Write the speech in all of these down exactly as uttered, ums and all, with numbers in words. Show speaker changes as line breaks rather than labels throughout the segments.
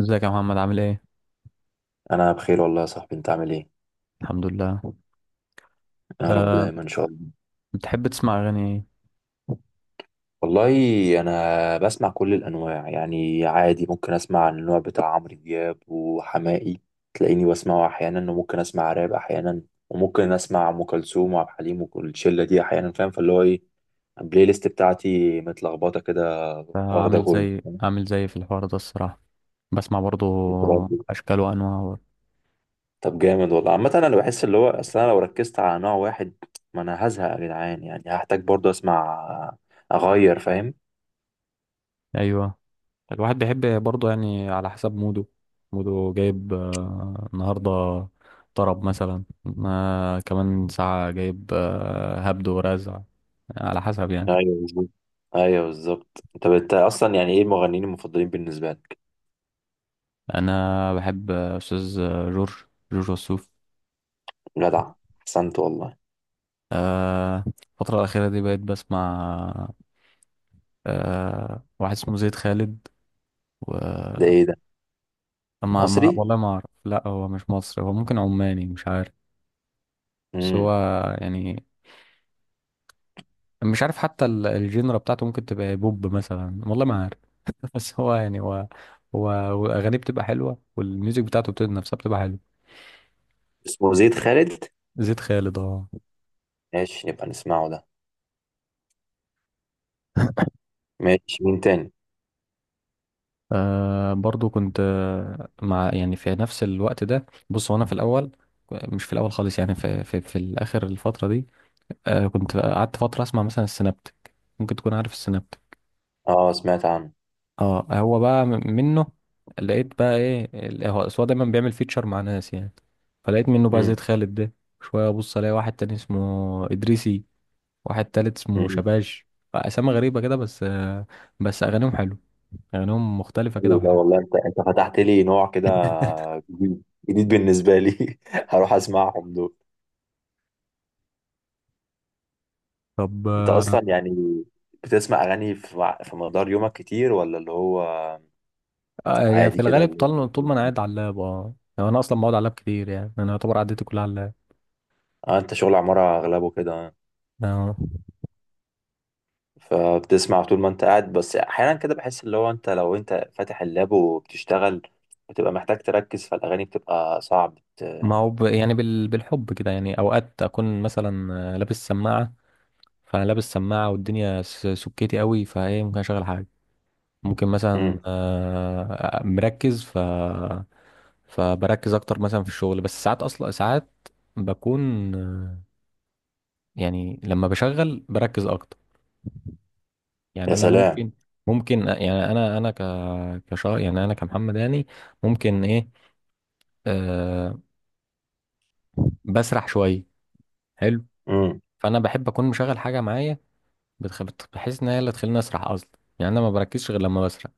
ازيك يا محمد، عامل ايه؟
انا بخير والله يا صاحبي، انت عامل ايه؟
الحمد لله.
يا رب
أه.
دايما ان شاء الله.
بتحب تسمع اغاني ايه؟
والله انا بسمع كل الانواع يعني، عادي ممكن اسمع النوع بتاع عمرو دياب وحماقي، تلاقيني بسمعه احيانا، وممكن اسمع راب احيانا، وممكن اسمع ام كلثوم وعبد الحليم وكل الشله دي احيانا. فاهم؟ فاللي هو ايه، البلاي ليست بتاعتي متلخبطه كده،
آه،
واخده
عامل
كله.
زي
فاهم؟
عامل زي في الحوار ده الصراحة. بسمع برضو
انت برضه.
اشكال وانواع.
طب جامد والله. عامه انا بحس اللي هو، اصل انا لو ركزت على نوع واحد، ما انا هزهق يا جدعان، يعني هحتاج برضه اسمع، اغير. فاهم؟
ايوه، الواحد بيحب برضه يعني على حسب موده، موده جايب آه، النهاردة طرب مثلا، آه، كمان ساعة جايب آه، هبد ورزع، على حسب يعني.
ايوه بالظبط. ايوه بالظبط. طب انت اصلا يعني ايه المغنيين المفضلين بالنسبه لك؟
أنا بحب أستاذ آه، جورج جورج وسوف.
جدع، احسنت والله.
آه، الفترة الأخيرة دي بقيت بسمع آه، واحد اسمه زيد خالد و...
ده ايه ده؟
ما... ما...
مصري؟
والله ما أعرف، لا هو مش مصري، هو ممكن عماني، مش عارف. بس هو
امم
يعني مش عارف حتى ال- الجينرا بتاعته ممكن تبقى بوب مثلا، والله ما عارف. بس هو يعني هو هو واغانيه بتبقى حلوه والميوزك بتاعته بتبقى نفسها بتبقى حلوه.
اسمه زيد خالد.
زيد خالد، اه.
ماشي نبقى نسمعه ده. ماشي، مين تاني؟
آه، برضو كنت آه، مع يعني في نفس الوقت ده، بص، وانا في الاول، مش في الاول خالص يعني، في في, في الاخر الفتره دي. آه، كنت قعدت فتره اسمع مثلا السنابتك. ممكن تكون عارف السنابتك.
اه سمعت عنه.
اه، هو بقى م- منه، لقيت بقى ايه، ال- هو أصل هو دايما بيعمل فيتشر مع ناس يعني، فلقيت منه بقى زيد
امم
خالد ده. شوية ابص الاقي واحد تاني اسمه ادريسي، واحد تالت اسمه
امم
شباش. اسامي غريبة كده، بس آه، بس اغانيهم حلو، اغانيهم مختلفة كده
حلو ده
وحلو.
والله. انت انت فتحت لي نوع كده جديد، جديد بالنسبه لي. هروح اسمعهم دول.
طب
انت
آه،
اصلا يعني بتسمع اغاني في مع- في مقدار يومك كتير، ولا اللي هو
آه، يعني في
عادي كده
الغالب
اللي...
طول طول ما انا قاعد على اللاب، اه يعني انا اصلا بقعد على اللاب كتير، يعني انا يعتبر قعدتي كلها على اللاب.
اه؟ انت شغل عمارة اغلبه كده،
آه.
فبتسمع طول ما انت قاعد، بس احيانا كده بحس اللي هو، انت لو انت فاتح اللاب وبتشتغل، بتبقى محتاج تركز، فالاغاني بتبقى صعب.
ما هو ب... يعني بال... بالحب كده، يعني اوقات اكون مثلا آه، لابس سماعة، فانا لابس سماعه والدنيا س- سكتي قوي، فايه ممكن اشغل حاجه، ممكن مثلا
امم
آه، مركز ف فبركز اكتر مثلا في الشغل. بس ساعات، اصلا ساعات بكون آه، يعني لما بشغل بركز اكتر، يعني
يا
انا
سلام.
ممكن ممكن آه، يعني انا انا ك كشا يعني، انا كمحمد يعني، ممكن ايه، أه بسرح شويه، حلو.
امم
فانا بحب اكون مشغل حاجه معايا، بتخ- بت- بحيث ان هي اللي تخليني اسرح اصلا، يعني انا ما بركزش غير لما بسرح،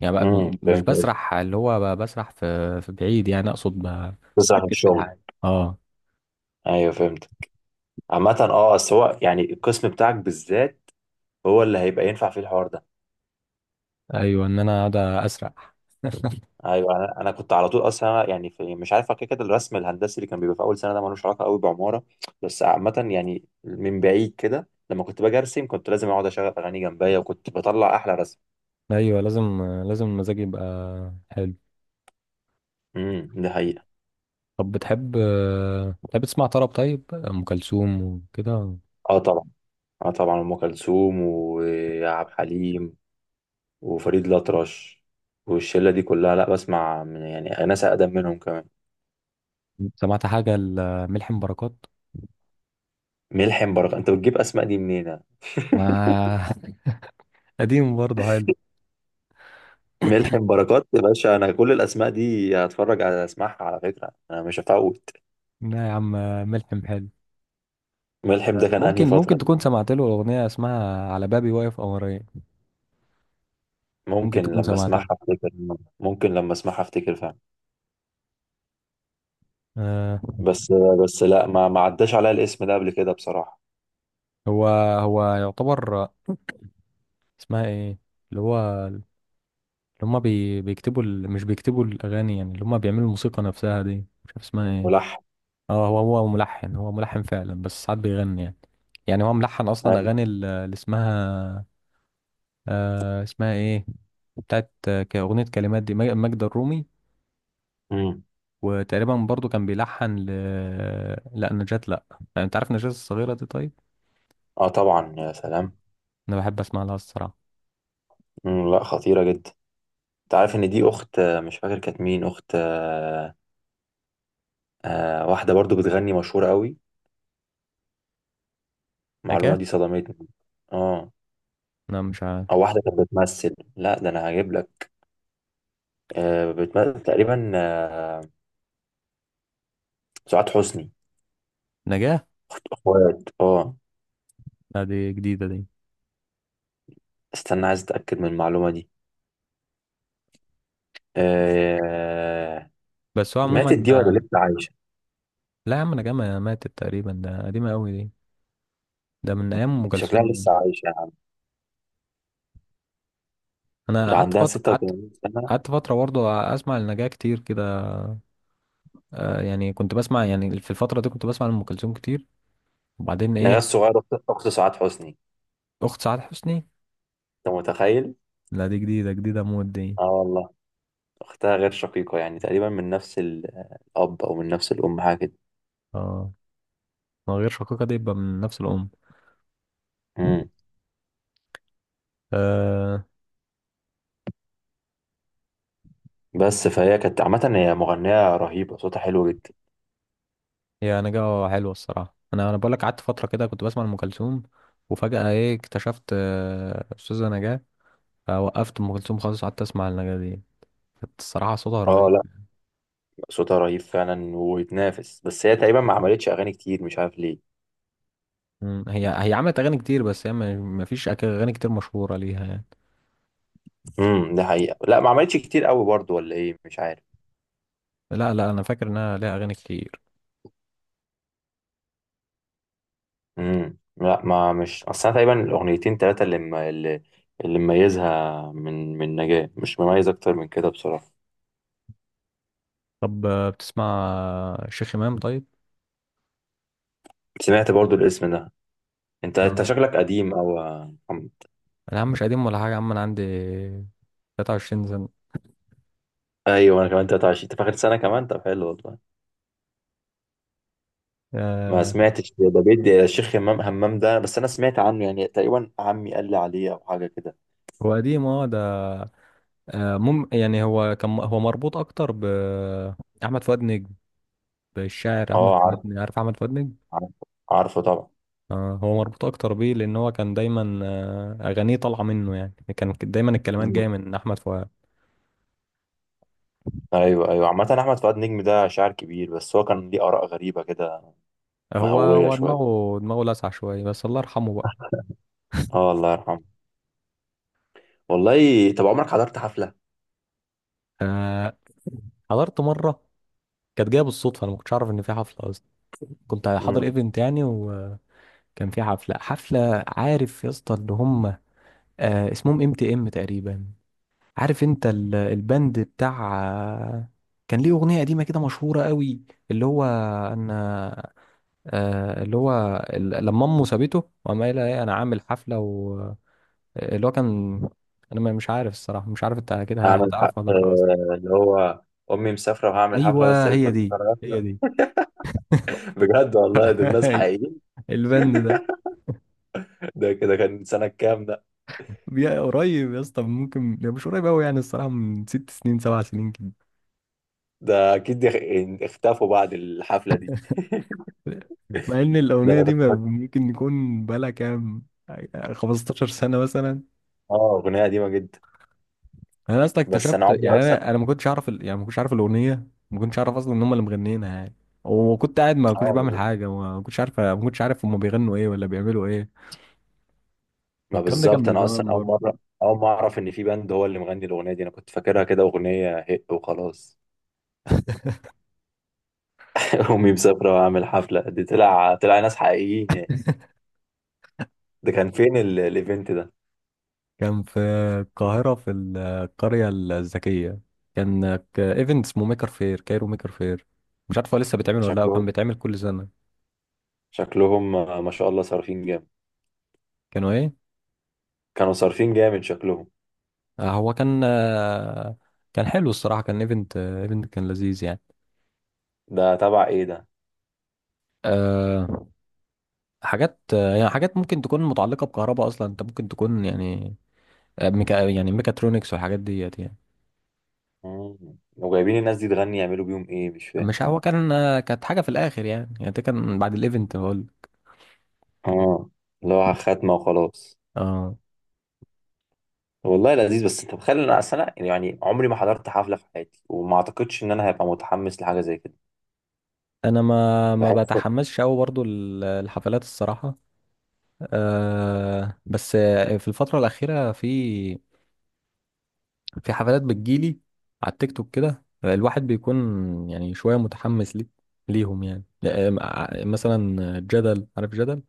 يعني بقى
امم
م- مش
فهمت قصدك.
بسرح اللي هو ب- بسرح في في بعيد، يعني اقصد ب-
تسرح من
بركز في
الشغل.
الحاجه، اه.
ايوه فهمت. عامة اه، بس هو يعني القسم بتاعك بالذات هو اللي هيبقى ينفع فيه الحوار ده.
ايوه ان انا قاعد اسرح.
ايوه. انا انا كنت على طول اصلا يعني، في مش عارف، كده كده الرسم الهندسي اللي كان بيبقى في اول سنه ده، ملوش علاقه قوي بعماره، بس عامه يعني من بعيد كده، لما كنت باجي ارسم كنت لازم اقعد اشغل اغاني جنبيا، وكنت بطلع احلى رسم.
ايوه لازم، لازم المزاج يبقى حلو.
امم دي حقيقة.
طب بتحب، بتحب تسمع طرب طيب، ام كلثوم وكده؟
اه طبعا. اه طبعا، ام كلثوم وعبد الحليم وفريد الأطرش والشلة دي كلها، لا بسمع من يعني ناس أقدم منهم كمان.
سمعت حاجه لملحم بركات.
ملحم بركات؟ أنت بتجيب أسماء دي منين؟
ما. قديم برضه حلو.
ملحم بركات يا باشا، أنا كل الأسماء دي هتفرج، على أسمعها على فكرة، أنا مش هفوت.
لا يا عم، ملحم حلو.
ملحم ده كان أنهي
ممكن،
فترة
ممكن
دي؟
تكون سمعت له اغنيه اسمها على بابي واقف قمرين. ممكن
ممكن
تكون
لما أسمعها
سمعتها.
أفتكر. ممكن لما أسمعها أفتكر فعلا.
آه
بس، بس لا ما ما عداش عليا الاسم ده قبل كده بصراحة.
هو هو يعتبر، اسمها ايه، اللي هو اللي هما بي... بيكتبوا ال... مش بيكتبوا الاغاني يعني، اللي هما بيعملوا الموسيقى نفسها دي، مش عارف اسمها ايه.
ملحم.
اه، هو هو ملحن هو ملحن فعلا، بس ساعات بيغني يعني، يعني هو ملحن اصلا
أيوة.
اغاني ال- اللي اسمها آه اسمها ايه، بتاعت آه، ك- اغنيه كلمات دي مج- ماجدة الرومي.
امم
وتقريبا برضو كان بيلحن ل لا نجاة، لا يعني، انت عارف نجاة الصغيره دي طيب.
اه طبعا، يا سلام.
انا بحب اسمع لها الصراحه.
مم، لا خطيرة جدا. انت عارف ان دي اخت آه، مش فاكر كانت مين، اخت آه، آه، واحدة برضو بتغني مشهورة قوي. المعلومة
نجاة.
دي صدمتني. اه.
انا مش
او
عارف.
واحدة كانت بتمثل، لا ده انا هجيب لك. آه، بتمثل تقريبا، آه، سعاد حسني.
نجاة،
اخوات، اه.
لا دي جديده دي.
استنى عايز اتأكد من المعلومة دي. آه،
بس هو
ماتت دي ولا
عموما،
لسه عايشة؟
لا يا عم نجمة ماتت تقريبا، ده قديمة أوي دي، ده من أيام أم
دي شكلها
كلثوم يعني.
لسه عايشة يا عم.
أنا
ده
قعدت
عندها
فترة، قعدت
ستة وثمانين سنة.
قعدت فترة برضه أسمع النجاة كتير كده. آه يعني كنت بسمع، يعني في الفترة دي كنت بسمع أم كلثوم كتير وبعدين إيه
نغاس صغيرة، اخت، أخت سعاد حسني.
أخت سعاد حسني؟
انت متخيل؟
لا دي جديدة جديدة موت دي.
اه والله. أختها غير شقيقة يعني تقريبا، من نفس ال- الأب، أو من نفس الأم، حاجة كده.
اه، من غير شقيقة دي يبقى من نفس الأم.
مم.
آه
بس فهي كانت عامة هي مغنية رهيبة، صوتها حلو جدا.
يا نجاة حلوة الصراحة، أنا أنا بقول لك قعدت فترة كده كنت بسمع أم كلثوم وفجأة إيه، اكتشفت آه، أستاذة نجاة، فوقفت أم كلثوم خالص، قعدت أسمع النجاة دي. كانت الصراحة صوتها
اه،
رهيب.
لا صوتها رهيب فعلا ويتنافس، بس هي تقريبا ما عملتش أغاني كتير، مش عارف ليه.
مم. هي هي عملت اغاني كتير، بس هي ما ما فيش أك- اغاني كتير مشهوره ليها يعني.
امم ده حقيقة، لا ما عملتش كتير قوي برضو، ولا ايه؟ مش عارف.
لا لا انا فاكر انها ليها اغاني كتير.
امم لا ما مش، أصل أنا تقريبا الأغنيتين تلاتة اللي م... اللي اللي مميزها، من من نجاة مش مميز أكتر من كده بصراحة.
طب آه، بتسمع آه، شيخ امام طيب؟
سمعت برضو الاسم ده. انت انت
اه،
شكلك قديم او.
انا يا عم مش قديم ولا حاجه يا عم، انا عندي تلاتة وعشرين سنه.
ايوه انا كمان تلاتة وعشرين، انت في اخر سنه كمان، طب حلو والله. ما
آه
سمعتش ده بيدي، الشيخ همام، همام ده بس انا سمعت عنه يعني تقريبا، عمي قال لي عليه او حاجه كده.
هو قديم اه ده. آه مم يعني هو كان، هو مربوط اكتر ب احمد فؤاد نجم، بالشاعر احمد
اه عارف،
فؤاد نجم، عارف احمد فؤاد نجم.
عارف، عارفه طبعا.
آه هو مربوط اكتر بيه لان هو كان دايما آه اغانيه طالعه منه، يعني كان دايما الكلمات
مم.
جايه من احمد فؤاد.
ايوه ايوه، عامه احمد فؤاد نجم ده شاعر كبير، بس هو كان ليه اراء غريبه كده،
هو
مهويه
هو
شويه.
دماغه دماغه لسع شويه، بس الله يرحمه بقى.
اه الله يرحمه. والله طب عمرك حضرت حفله؟
آه، حضرت مره، كانت جايه بالصدفه، انا ما كنتش اعرف ان في حفله اصلا، كنت حاضر
امم
ايفنت يعني، وكان في حفله، حفله عارف يا اسطى، اللي هم آه اسمهم ام تي ام تقريبا. عارف انت ال- البند بتاع آه، كان ليه اغنيه قديمه كده مشهوره قوي. اللي هو انا، آه اللي هو ال- لما امه سابته وقام قايلها ايه انا عامل حفله، اللي هو كان، انا ما- مش عارف الصراحه، مش عارف انت كده
هعمل ح... آه...
هتعرفها ولا لا اصلا.
اللي هو امي مسافره وهعمل حفله بس
ايوه
يا ريت
هي
ما تجيش
دي،
على
هي
حفله.
دي.
بجد والله دول ناس
ايوه
حقيقيين.
البند ده.
ده كده كان سنه كام ده؟
بي- قريب يا اسطى، ممكن، لا، مش قريب قوي يعني الصراحه، من ست سنين سبع سنين كده.
ده اكيد اخ- اختفوا بعد الحفله دي.
مع ان
ده
الاغنيه
انا
دي
كنت
ما-
فاكر-
ممكن يكون بقالها كام، خمس عشرة سنه مثلا.
اه اغنيه قديمه جدا.
انا اصلا
بس
اكتشفت
انا عمري
يعني،
اصلا،
انا انا ما كنتش اعرف ال- يعني ما كنتش اعرف الاغنيه، ما كنتش اعرف اصلا ان هم اللي مغنيينها يعني، وكنت قاعد ما كنتش
اه
بعمل
بال-
حاجه، ما كنتش عارف ما كنتش عارف هم بيغنوا ايه ولا بيعملوا ايه،
ما
والكلام ده كان
بالظبط.
من
انا
زمان
اصلا اول
برضه.
مره، اول ما اعرف ان في باند هو اللي مغني الاغنيه دي، انا كنت فاكرها كده اغنيه هق وخلاص. امي مسافره واعمل حفله دي، طلع طلع ناس حقيقيين يعني. ده كان فين ال- الايفنت ده؟
كان في القاهرة في القرية الذكية، كان ك- ايفنت اسمه ميكر فير كايرو، ميكر فير. مش عارف هو لسه بيتعمل ولا لا، وكان
شكلهم
بيتعمل كل سنة.
شكلهم ما شاء الله صارفين جامد.
كانوا ايه.
كانوا صارفين جامد شكلهم.
آه، هو كان آه، كان حلو الصراحة، كان ايفنت، آه، ايفنت كان لذيذ يعني.
ده تبع ايه ده؟
أه حاجات آه، يعني حاجات ممكن تكون متعلقة بكهرباء أصلا، أنت ممكن تكون يعني آه، ميكا يعني ميكاترونكس والحاجات ديت يعني.
مم. وجايبين الناس دي تغني، يعملوا بيهم ايه؟ مش فاهم.
مش هو كان آه، كانت حاجة في الآخر يعني، يعني ده كان بعد الايفنت هقول.
اه، اللي هو خاتمه وخلاص.
اه
والله لذيذ، بس انت متخيل ان انا، اصل انا يعني عمري ما حضرت حفله في حياتي، وما اعتقدش ان انا هبقى متحمس لحاجه زي كده.
انا ما ما
بحس.
بتحمسش قوي برضو ال- الحفلات الصراحه. أه بس في الفتره الاخيره، في في حفلات بتجيلي على التيك توك كده، الواحد بيكون يعني شويه متحمس لي ليهم يعني، آه، م- آه، مثلا جدل، عارف جدل،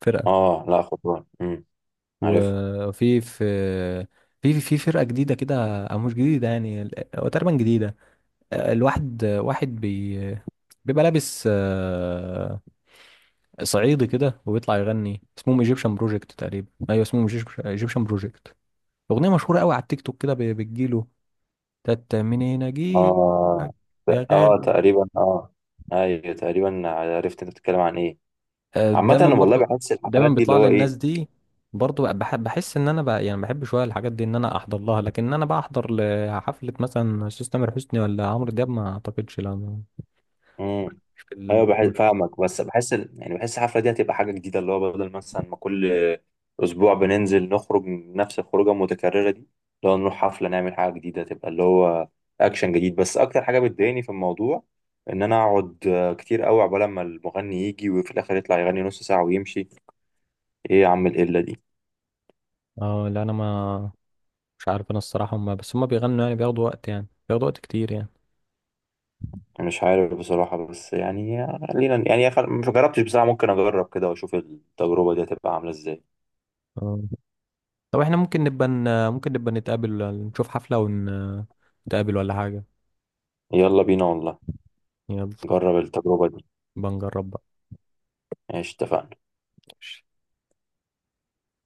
فرقه.
اه، لا خطوه، امم عارف.
وفي في في في فرقه جديده كده، او مش جديده يعني، هو تقريبا جديده. الواحد واحد بي بيبقى لابس آه، صعيدي كده وبيطلع يغني، اسمهم ايجيبشن بروجكت تقريبا. ايوه اسمهم ايجيبشن بروجكت. اغنيه مشهوره قوي على التيك توك كده بي- بتجيله، تت منين
اه،
اجيبك يا غالي.
اه تقريبا، اه ايوه تقريبا عرفت انت بتتكلم عن ايه.
آه،
عامه
دايما
انا والله
برضو
بحس
دايما
الحفلات دي اللي
بيطلع لي
هو
الناس
ايه.
دي، برضو بح- بحس ان انا بقى يعني بحب شويه الحاجات دي ان انا احضر لها، لكن ان انا بقى احضر لحفله مثلا استاذ تامر حسني ولا عمرو دياب، ما اعتقدش، لا، ما-
مم.
مش في
ايوه بحس
الجو ده.
فاهمك، بس بحس ال- يعني بحس الحفله دي هتبقى حاجه جديده، اللي هو بدل مثلا ما كل اسبوع بننزل نخرج من نفس الخروجه المتكرره دي، لو نروح حفله نعمل حاجه جديده، تبقى اللي هو اكشن جديد. بس اكتر حاجه بتضايقني في الموضوع ان انا اقعد آه، كتير قوي عقبال ما المغني يجي، وفي الاخر يطلع يغني نص ساعه ويمشي. ايه يا عم القله دي؟
اه، لا انا ما مش عارف، انا الصراحه هم بس هم بيغنوا يعني، بياخدوا وقت يعني، بياخدوا وقت كتير يعني.
أنا مش عارف بصراحه، بس يعني خلينا يعني، خل- مش جربتش بصراحه، ممكن اجرب كده واشوف التجربه دي هتبقى عامله ازاي.
آه. طب احنا ممكن نبقى ن- ممكن نبقى نتقابل نشوف حفله ونتقابل ولا حاجه.
يلا بينا والله.
يلا
نجرب التجربه دي.
بنجرب
ماشي، اتفقنا.
بقى